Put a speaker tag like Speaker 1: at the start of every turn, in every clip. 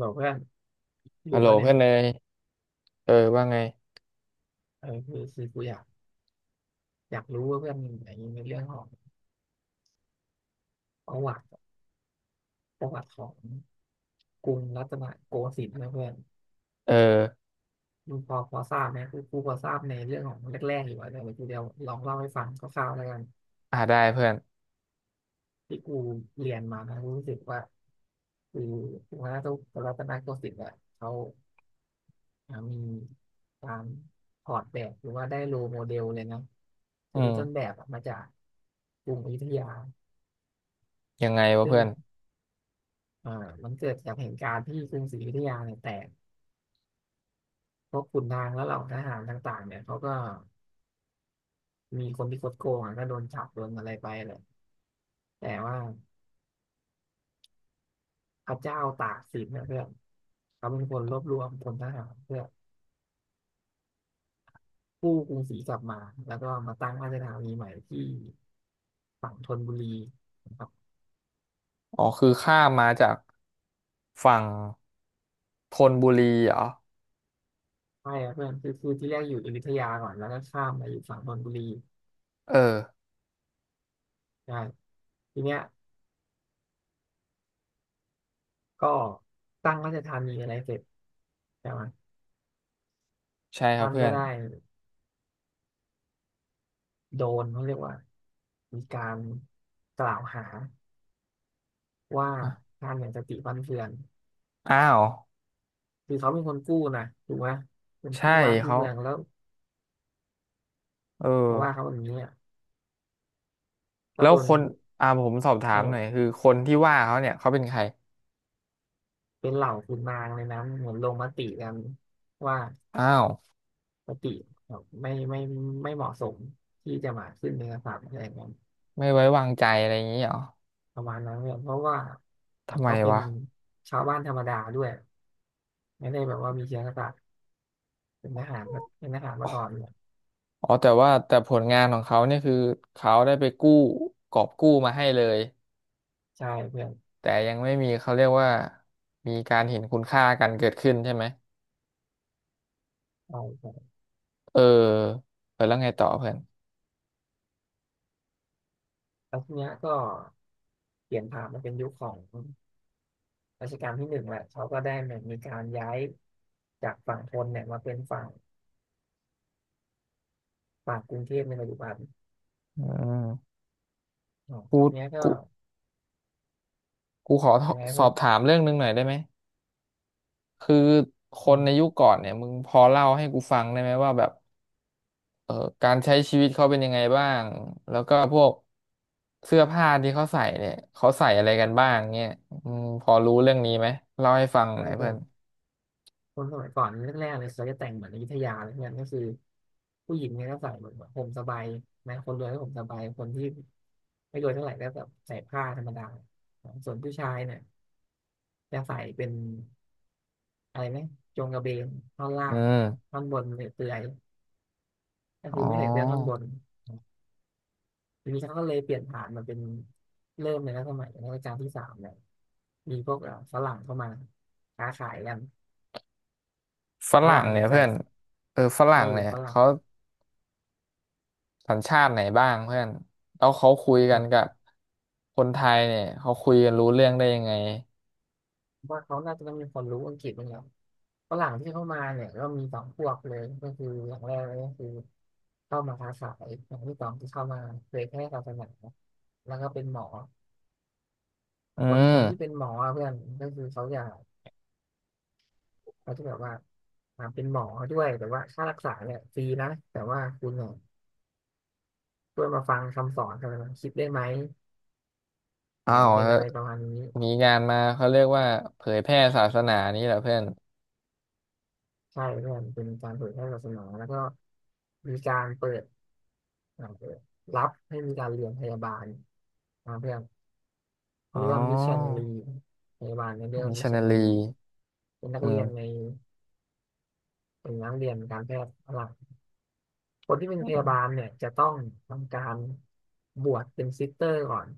Speaker 1: บอกเพื่อนอยู่
Speaker 2: ฮัลโหล
Speaker 1: ปะเนี่ย
Speaker 2: เพื่อนเนยเออว่าไง
Speaker 1: เออคือกูอยากรู้ว่าเพื่อนอย่างนี้ในเรื่องของประวัติประวัติของกรุงรัตนโกสินทร์นะเพื่อน
Speaker 2: เออ
Speaker 1: มึงพอทราบไหมกูพอทราบในเรื่องของแรกๆอยู่อะแต่กูเดี๋ยวลองเล่าให้ฟังคร่าวๆแล้วกัน
Speaker 2: อ่าได้เพื่อน
Speaker 1: ที่กูเรียนมานะกูรู้สึกว่าคือกรุงรัตนโกสินทร์อะเขามีการถอดแบบหรือว่าได้โรลโมเดลเลยนะคื
Speaker 2: อื
Speaker 1: อได้ต้นแบ
Speaker 2: ม
Speaker 1: บอะมาจากกรุงอยุธยา
Speaker 2: ยังไงวะ
Speaker 1: ซึ่ง
Speaker 2: เพื่อน
Speaker 1: อ่ามันเกิดจากเหตุการณ์ที่กรุงศรีอยุธยาเนี่ยแตกพวกขุนนางและเหล่าทหารต่างๆเนี่ยเขาก็มีคนที่คดโกงอ่ะก็โดนจับโดนอะไรไปแหละแต่ว่าพระเจ้าตากสินเนี่ยเพื่อนเขาเป็นคนรวบรวมพลทหารเพื่อกู้กรุงศรีกลับมาแล้วก็มาตั้งราชธานีใหม่ที่ฝั่งธนบุรีนะครับ
Speaker 2: อ๋อคือข้ามมาจากฝั่งธนบุรีเหรอ
Speaker 1: ใช่ครับเพื่อนคือที่แรกอยู่อยุธยาก่อนแล้วก็ข้ามมาอยู่ฝั่งธนบุรี
Speaker 2: เออ
Speaker 1: ใช่ทีเนี้ยก็ตั้งราชธานีอะไรเสร็จใช่ไหม
Speaker 2: ใช่ครับ
Speaker 1: ท่าน
Speaker 2: เพื่
Speaker 1: ก็
Speaker 2: อน
Speaker 1: ได้ โดนเขาเรียกว่ามีการกล่าวหาว่า
Speaker 2: อ่ะ
Speaker 1: ท่านอย่างสติฟั่นเฟือน
Speaker 2: อ้าว
Speaker 1: คือเขาเป็นคนกู้นะถูกไหมเป็น
Speaker 2: ใช่
Speaker 1: กู้วานกู้
Speaker 2: เขา
Speaker 1: เมืองแล้ว
Speaker 2: เออ
Speaker 1: มาว่าเขาแบบนี้อะก็
Speaker 2: แล้
Speaker 1: โด
Speaker 2: ว
Speaker 1: น
Speaker 2: คนผมสอบถา
Speaker 1: เอ
Speaker 2: มหน่อย
Speaker 1: อ
Speaker 2: คือคนที่ว่าเขาเนี่ยเขาเป็นใคร
Speaker 1: เป็นเหล่าขุนนางเลยนะเหมือนลงมติกันว่า
Speaker 2: อ้าว
Speaker 1: สติไม่ไม่ไม่เหมาะสมที่จะมาขึ้นเป็นกษัตริย์อะไรอย่างเงี้ย
Speaker 2: ไม่ไว้วางใจอะไรอย่างนี้เหรอ
Speaker 1: ประมาณนั้นเนี่ยเพราะว่าเหมือ
Speaker 2: ทำ
Speaker 1: น
Speaker 2: ไม
Speaker 1: เขาเป็น
Speaker 2: วะ
Speaker 1: ชาวบ้านธรรมดาด้วยไม่ได้แบบว่ามีเชื้อกษัตริย์เป็นทหารเป็นทหารมาก่อนเนี่ย
Speaker 2: อ๋อแต่ว่าแต่ผลงานของเขาเนี่ยคือเขาได้ไปกู้กอบกู้มาให้เลย
Speaker 1: ใช่เพื่อน
Speaker 2: แต่ยังไม่มีเขาเรียกว่ามีการเห็นคุณค่ากันเกิดขึ้นใช่ไหม
Speaker 1: ใช่ใช่
Speaker 2: เออเออแล้วไงต่อเพื่อน
Speaker 1: แล้วทีเนี้ยก็เปลี่ยนผ่านมาเป็นยุคของรัชกาลที่ 1แหละ เขาก็ได้มีการย้ายจากฝั่งทนเนี่ยมาเป็นฝั่งกรุงเทพในปัจจุบัน
Speaker 2: อืม
Speaker 1: อ๋อ
Speaker 2: กู
Speaker 1: เนี้ยก็
Speaker 2: กูขอ
Speaker 1: เป็นไง
Speaker 2: สอ
Speaker 1: เพื่อ
Speaker 2: บ
Speaker 1: น
Speaker 2: ถามเรื่องหนึงหน่อยได้ไหมคือค
Speaker 1: อื
Speaker 2: น
Speaker 1: ม
Speaker 2: ในยุคก่อนเนี่ยมึงพอเล่าให้กูฟังได้ไหมว่าแบบเออการใช้ชีวิตเขาเป็นยังไงบ้างแล้วก็พวกเสื้อผ้าที่เขาใส่เนี่ยเขาใส่อะไรกันบ้างเนี่ยอืมพอรู้เรื่องนี้ไหมเล่าให้ฟังห
Speaker 1: ก็
Speaker 2: น่อย
Speaker 1: เพื่
Speaker 2: เพื่
Speaker 1: อ
Speaker 2: อน
Speaker 1: นคนสมัยก่อนแรกๆเลยเขาจะแต่งเหมือนอยุธยาเลยเนี่ยก็คือผู้หญิงเนี่ยก็ใส่เหมือนแบบห่มสบายนะคนรวยก็ห่มสบาย คนที่ไม่รวยเท่าไหร่ก็แบบใส่ผ้าธรรมดา ส่วนผู้ชายเนี่ยจะใส่เป็น อะไรไหมโจงกระเบนท่อนล่า
Speaker 2: อื
Speaker 1: ง
Speaker 2: ม
Speaker 1: ท่อนบนเปลือยๆก็
Speaker 2: อ๋อ
Speaker 1: คือไม่ใส่เสื้อท่อนบนทีนี้เขาก็เลยเปลี่ยนผ่านมาเป็นเริ่มในรัชสมัยในรัชกาลที่สามเนี่ยมีพวกฝรั่งเข้ามาค้าขายกัน
Speaker 2: ฝ
Speaker 1: ฝ
Speaker 2: รั่ง
Speaker 1: รั่ง
Speaker 2: เนี่
Speaker 1: เนี่
Speaker 2: ย
Speaker 1: ยใส่
Speaker 2: เพื่อนเออฝ
Speaker 1: เอ
Speaker 2: รั่
Speaker 1: อ
Speaker 2: งเนี่ย
Speaker 1: ฝรั่ง
Speaker 2: เขา สัญชาติไหนบ้างเพื่อนแล้วเขาคุยกั
Speaker 1: แต่
Speaker 2: นกับคนไทยเนี่ยเขาคุยกันรู้เรื่องได้ยังไง
Speaker 1: ว่าเขาน่าจะต้องมีคนรู้อังกฤษบ้างแล้วฝรั่งที่เข้ามาเนี่ยก็มีสองพวกเลยก็คืออย่างแรกเลยก็คือเข้ามาค้าขายอย่างที่สองที่เข้ามาเผยแพร่ศาสนาแล้วก็เป็นหมอ
Speaker 2: อื
Speaker 1: คนที่เป็น
Speaker 2: ม
Speaker 1: หมออะเพื่อนก็คือเขาอยาก เขาจะแบบว่าเป็นหมอด้วยแต่ว่าค่ารักษาเนี่ยฟรีนะแต่ว่าคุณเนี่ยช่วยมาฟังคำสอนกันนะคิดได้ไหม
Speaker 2: อ้า
Speaker 1: มั
Speaker 2: ว
Speaker 1: นเป็น
Speaker 2: เฮ้
Speaker 1: อะ
Speaker 2: ย
Speaker 1: ไรประมาณนี้
Speaker 2: มีงานมาเขาเรียกว่าเผยแพร่ศาสนานี้เหรอเพื่อน
Speaker 1: ใช่เพื่อนเป็นการเผยแพร่ศาสนาแล้วก็มีการเปิดรับให้มีการเรียนพยาบาลเพื่อนเขา
Speaker 2: อ๋อ
Speaker 1: เรียกว่ามิชชันนารีพยาบาลเนี่ยเรียกว่า
Speaker 2: มิช
Speaker 1: มิช
Speaker 2: ชัน
Speaker 1: ชัน
Speaker 2: นา
Speaker 1: นา
Speaker 2: รี
Speaker 1: รีเป็นนัก
Speaker 2: อื
Speaker 1: เรีย
Speaker 2: ม
Speaker 1: นในเป็นนักเรียนการแพทย์หลักคนที่เป็นพยาบาลเนี่ยจะต้องทำการบวชเป็นซิสเตอร์ก่อน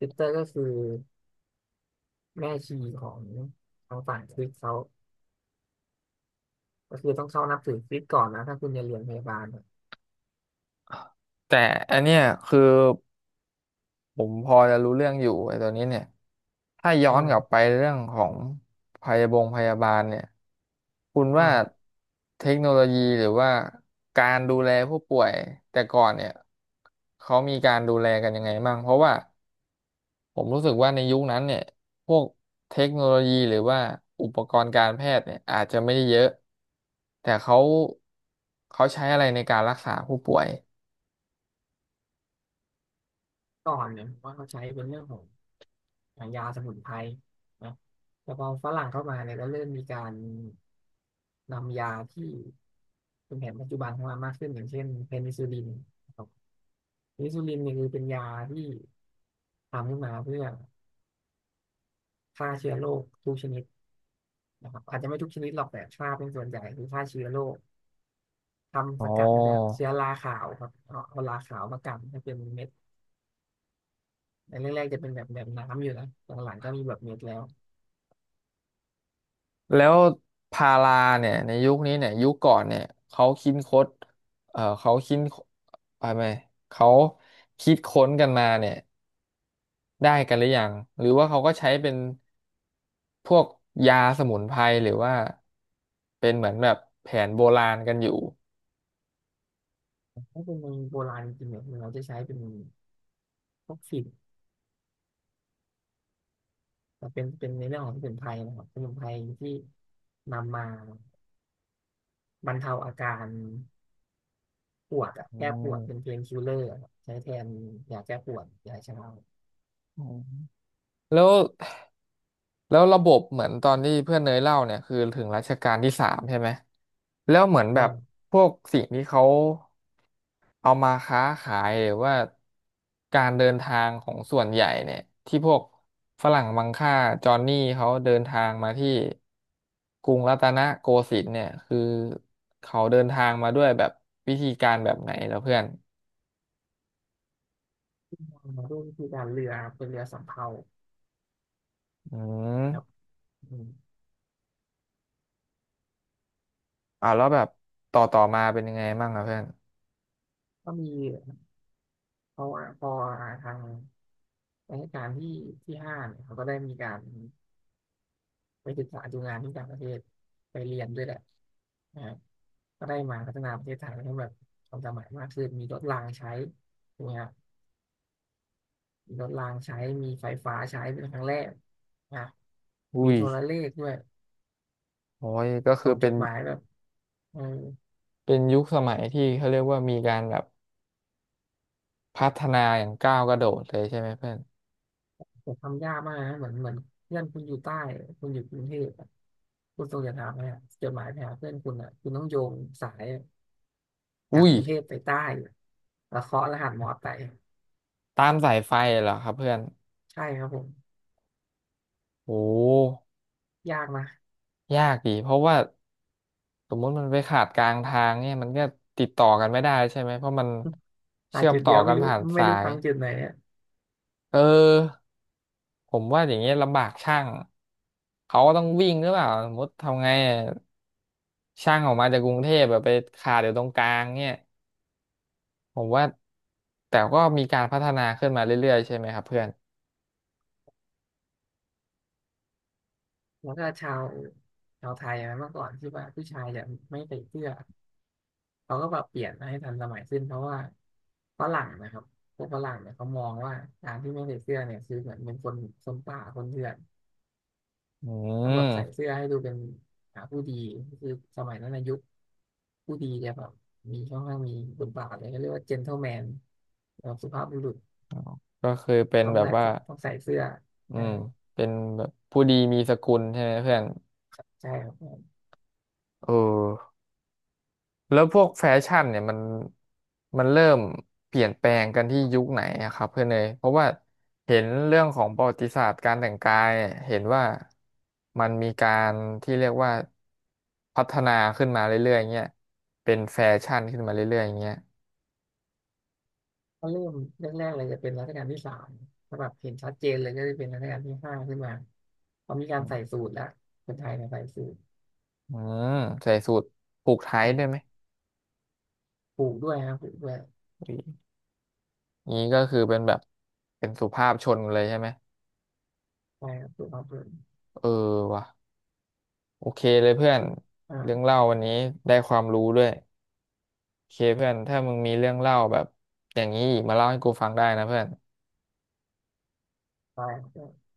Speaker 1: ซิสเตอร์ก็คือ แม่ชีของฝั่งคริสต์เขาก็คือต้องเข้านับถือคริสต์ก่อนนะถ้าคุณจะเรียนพยาบาลอะ
Speaker 2: แต่อันเนี้ยคือ ผมพอจะรู้เรื่องอยู่ไอ้ตัวนี้เนี่ยถ้าย้อ
Speaker 1: อื
Speaker 2: นกลับไป
Speaker 1: ม
Speaker 2: เรื่องของพยาบงพยาบาลเนี่ยคุณ
Speaker 1: อื
Speaker 2: ว่า
Speaker 1: ม
Speaker 2: เทคโนโลยีหรือว่าการดูแลผู้ป่วยแต่ก่อนเนี่ยเขามีการดูแลกันยังไงบ้างเพราะว่าผมรู้สึกว่าในยุคนั้นเนี่ยพวกเทคโนโลยีหรือว่าอุปกรณ์การแพทย์เนี่ยอาจจะไม่ได้เยอะแต่เขาเขาใช้อะไรในการรักษาผู้ป่วย
Speaker 1: ก่อนเนี่ยว่าเขาใช้เป็นเรื่องของยางยาสมุนไพรนะแต่พอฝรั่งเข้ามาเนี่ยก็เริ่มมีการนำยาที่เป็นแผนปัจจุบันเข้ามามากขึ้นอย่างเช่นเพนิซิลลินนะครับเพนิซิลลินเนี่ยคือเป็นยาที่ทำขึ้นมาเพื่อฆ่าเชื้อโรคทุกชนิดนะครับอาจจะไม่ทุกชนิดหรอกแต่ฆ่าเป็นส่วนใหญ่คือฆ่าเชื้อโรค
Speaker 2: อ๋
Speaker 1: ทำส
Speaker 2: อ
Speaker 1: กัดมาจากเชื้อราขาวครับเอาราขาวมากันให้เป็นเม็ดในแรกๆจะเป็นแบบน้ำอยู่นะหลังๆก็มีแบบเม็ดแล้ว
Speaker 2: แล้วพาราเนี่ยในยุคนี้เนี่ยยุคก่อนเนี่ยเขาคิดค้นเขาคิดอะไรไหมเขาคิดค้นกันมาเนี่ยได้กันหรือยังหรือว่าเขาก็ใช้เป็นพวกยาสมุนไพรหรือว่าเป็นเหมือนแบบแผนโบราณกันอยู่
Speaker 1: ถ้าเป็นเมืองโบราณจริงๆเนี่ยเราจะใช้เป็นพวกฝิ่นแต่เป็นในเรื่องของสมุนไพรนะครับสมุนไพรที่นำมาบรรเทาอาการปวดอะ
Speaker 2: อื
Speaker 1: แก้ปวดเป็น
Speaker 2: ม
Speaker 1: เพนคิลเลอร์ใช้แทนยาแก้ปวดยาชา
Speaker 2: อืมแล้วแล้วระบบเหมือนตอนที่เพื่อนเนยเล่าเนี่ยคือถึงรัชกาลที่สามใช่ไหมแล้วเหมือนแบ
Speaker 1: ใช่
Speaker 2: บพวกสิ่งที่เขา เอามาค้าขายหรือว่าการเดินทางของส่วนใหญ่เนี่ยที่พวกฝรั่งมังค่าจอห์นนี่เขาเดินทางมาที่กรุงรัตนโกสินทร์เนี่ยคือเขาเดินทางมาด้วยแบบวิธีการแบบไหนแล้วเพื่อน
Speaker 1: มาด้วยวิธีการเรือเป็นเรือสำเภา
Speaker 2: อื
Speaker 1: ครับ
Speaker 2: ม
Speaker 1: อืม
Speaker 2: อ่าแล้วแบบต่อต่อมาเป็นยังไงบ้างอะเพื่อน
Speaker 1: ก็มีพอพอทาง รัชกาลที่ห้าเนี่ยเขาก็ได้มีการไปศึกษาดูงานที่ต่างประเทศไปเรียนด้วยแหละนะครับก็ได้มาพัฒนาประเทศไทยให้แบบทันสมัยมากขึ้นมีรถรางใช้ถูกไหมครับมีรถรางใช้มีไฟฟ้าใช้เป็นครั้งแรกนะมี
Speaker 2: อุ้ย
Speaker 1: โทรเลขด้วย
Speaker 2: โอ้ยก็คือ
Speaker 1: ส่งจ
Speaker 2: เป็น
Speaker 1: ดหมายแบบเออ
Speaker 2: เป็นยุคสมัยที่เขาเรียกว่ามีการแบบพัฒนาอย่างก้าวกระโดดเลยใช่ไหมเพื่อน
Speaker 1: ผมทำยากมากนะเหมือนเพื่อนคุณอยู่ใต้คุณอยู่กรุงเทพอะคุณส่งจดหมายไปอะจดหมายไปหาเพื่อนคุณอ่ะคุณต้องโยงสาย จาก
Speaker 2: อุ้ย
Speaker 1: กรุงเทพไปใต้แล้วเคาะรหัสมอไป
Speaker 2: ตามสายไฟเหรอครับเพื่อน
Speaker 1: ใช่ครับผม
Speaker 2: โอ้
Speaker 1: ยากนะ
Speaker 2: ยากอีกเพราะว่าสมมติมันไปขาดกลางทางเนี่ยมันก็ติดต่อกันไม่ได้ใช่ไหม เพราะมัน
Speaker 1: หา
Speaker 2: เชื่อม
Speaker 1: จุด
Speaker 2: ต่
Speaker 1: เดี
Speaker 2: อ
Speaker 1: ยว
Speaker 2: กั
Speaker 1: ไม่
Speaker 2: น
Speaker 1: รู้
Speaker 2: ผ่าน
Speaker 1: ไม่
Speaker 2: สา
Speaker 1: รู้
Speaker 2: ย
Speaker 1: พังจุดไหนอะ
Speaker 2: เออผมว่าอย่างเงี้ยลำบากช่างเขาก็ต้องวิ่งหรือเปล่าสมมติทำไงอะช่างออกมาจากกรุงเทพแบบไปขาดอยู่ตรงกลางเนี่ยผมว่าแต่ก็มีการพัฒนาขึ้นมาเรื่อยๆใช่ไหมครับเพื่อน
Speaker 1: แล้วก็ชาวไทยอะเมื่อก่อนที่ว่าผู้ชายจะไม่ใส่เสื้อเขาก็แบบเปลี่ยนให้ทันสมัยขึ้นเพราะว่าฝรั่งนะครับพวกฝรั่งเนี่ยเขามองว่าการที่ไม่ใส่เสื้อเนี่ยคือเหมือนเป็นคนป่า คนเถื่อน
Speaker 2: อื
Speaker 1: ต้องแบบใส่เสื้
Speaker 2: ม
Speaker 1: อให้ดูเป็นหาผู้ดีคือสมัยนั้นนะยุคผู้ดีจะแบบมีค่อนข้างมีบทบาทเลยเขาเรียกว่าเจน t l e m แมนแบบสุภาพบุรุษ
Speaker 2: ก็คือเป็น
Speaker 1: ต้อง
Speaker 2: แบบ
Speaker 1: ใส่
Speaker 2: ว่า
Speaker 1: ต้องใส่เสื้อ
Speaker 2: อื
Speaker 1: อ่า
Speaker 2: มเป็นแบบผู้ดีมีสกุลใช่ไหมเพื่อน
Speaker 1: ใช่ครับ
Speaker 2: เออ แล้วพวกแฟชั่นเนี่ยมันมันเริ่มเปลี่ยนแปลงกันที่ยุคไหนอะครับเพื่อนเนยเพราะว่าเห็นเรื่องของประวัติศาสตร์การแต่งกายเนี่ยเห็นว่ามันมีการที่เรียกว่าพัฒนาขึ้นมาเรื่อยๆเงี้ยเป็นแฟชั่นขึ้นมาเรื่อยๆเงี้ย
Speaker 1: ก็เริ่มแรกๆเลยจะเป็นรัชกาลที่สามถ้าแบบเห็นชัดเจนเลยก็จะเป็นรัชกาลที่ 5ขึ้นมาพอมีการใส่สูทแล้วคนไทยเนี่ยใส่สูท
Speaker 2: อืมใส่สูทผูกไท
Speaker 1: อื
Speaker 2: ด้วยไหม
Speaker 1: มผูกด้วยครับผูกด้วย
Speaker 2: อยนี้ก็คือเป็นแบบเป็นสุภาพชนเลยใช่ไหม
Speaker 1: ใช่ครับผูกาเปลือ
Speaker 2: เออว่ะโอเคเลยเพื่อนเรื่อง
Speaker 1: อ่า
Speaker 2: เล่าวันนี้ได้ความรู้ด้วย โอเคเพื่อนถ้ามึงมีเรื่องเล่าแบบอย่างนี้อีกมาเล่าให้กูฟังได้นะเพื่อน
Speaker 1: ใช่ครับ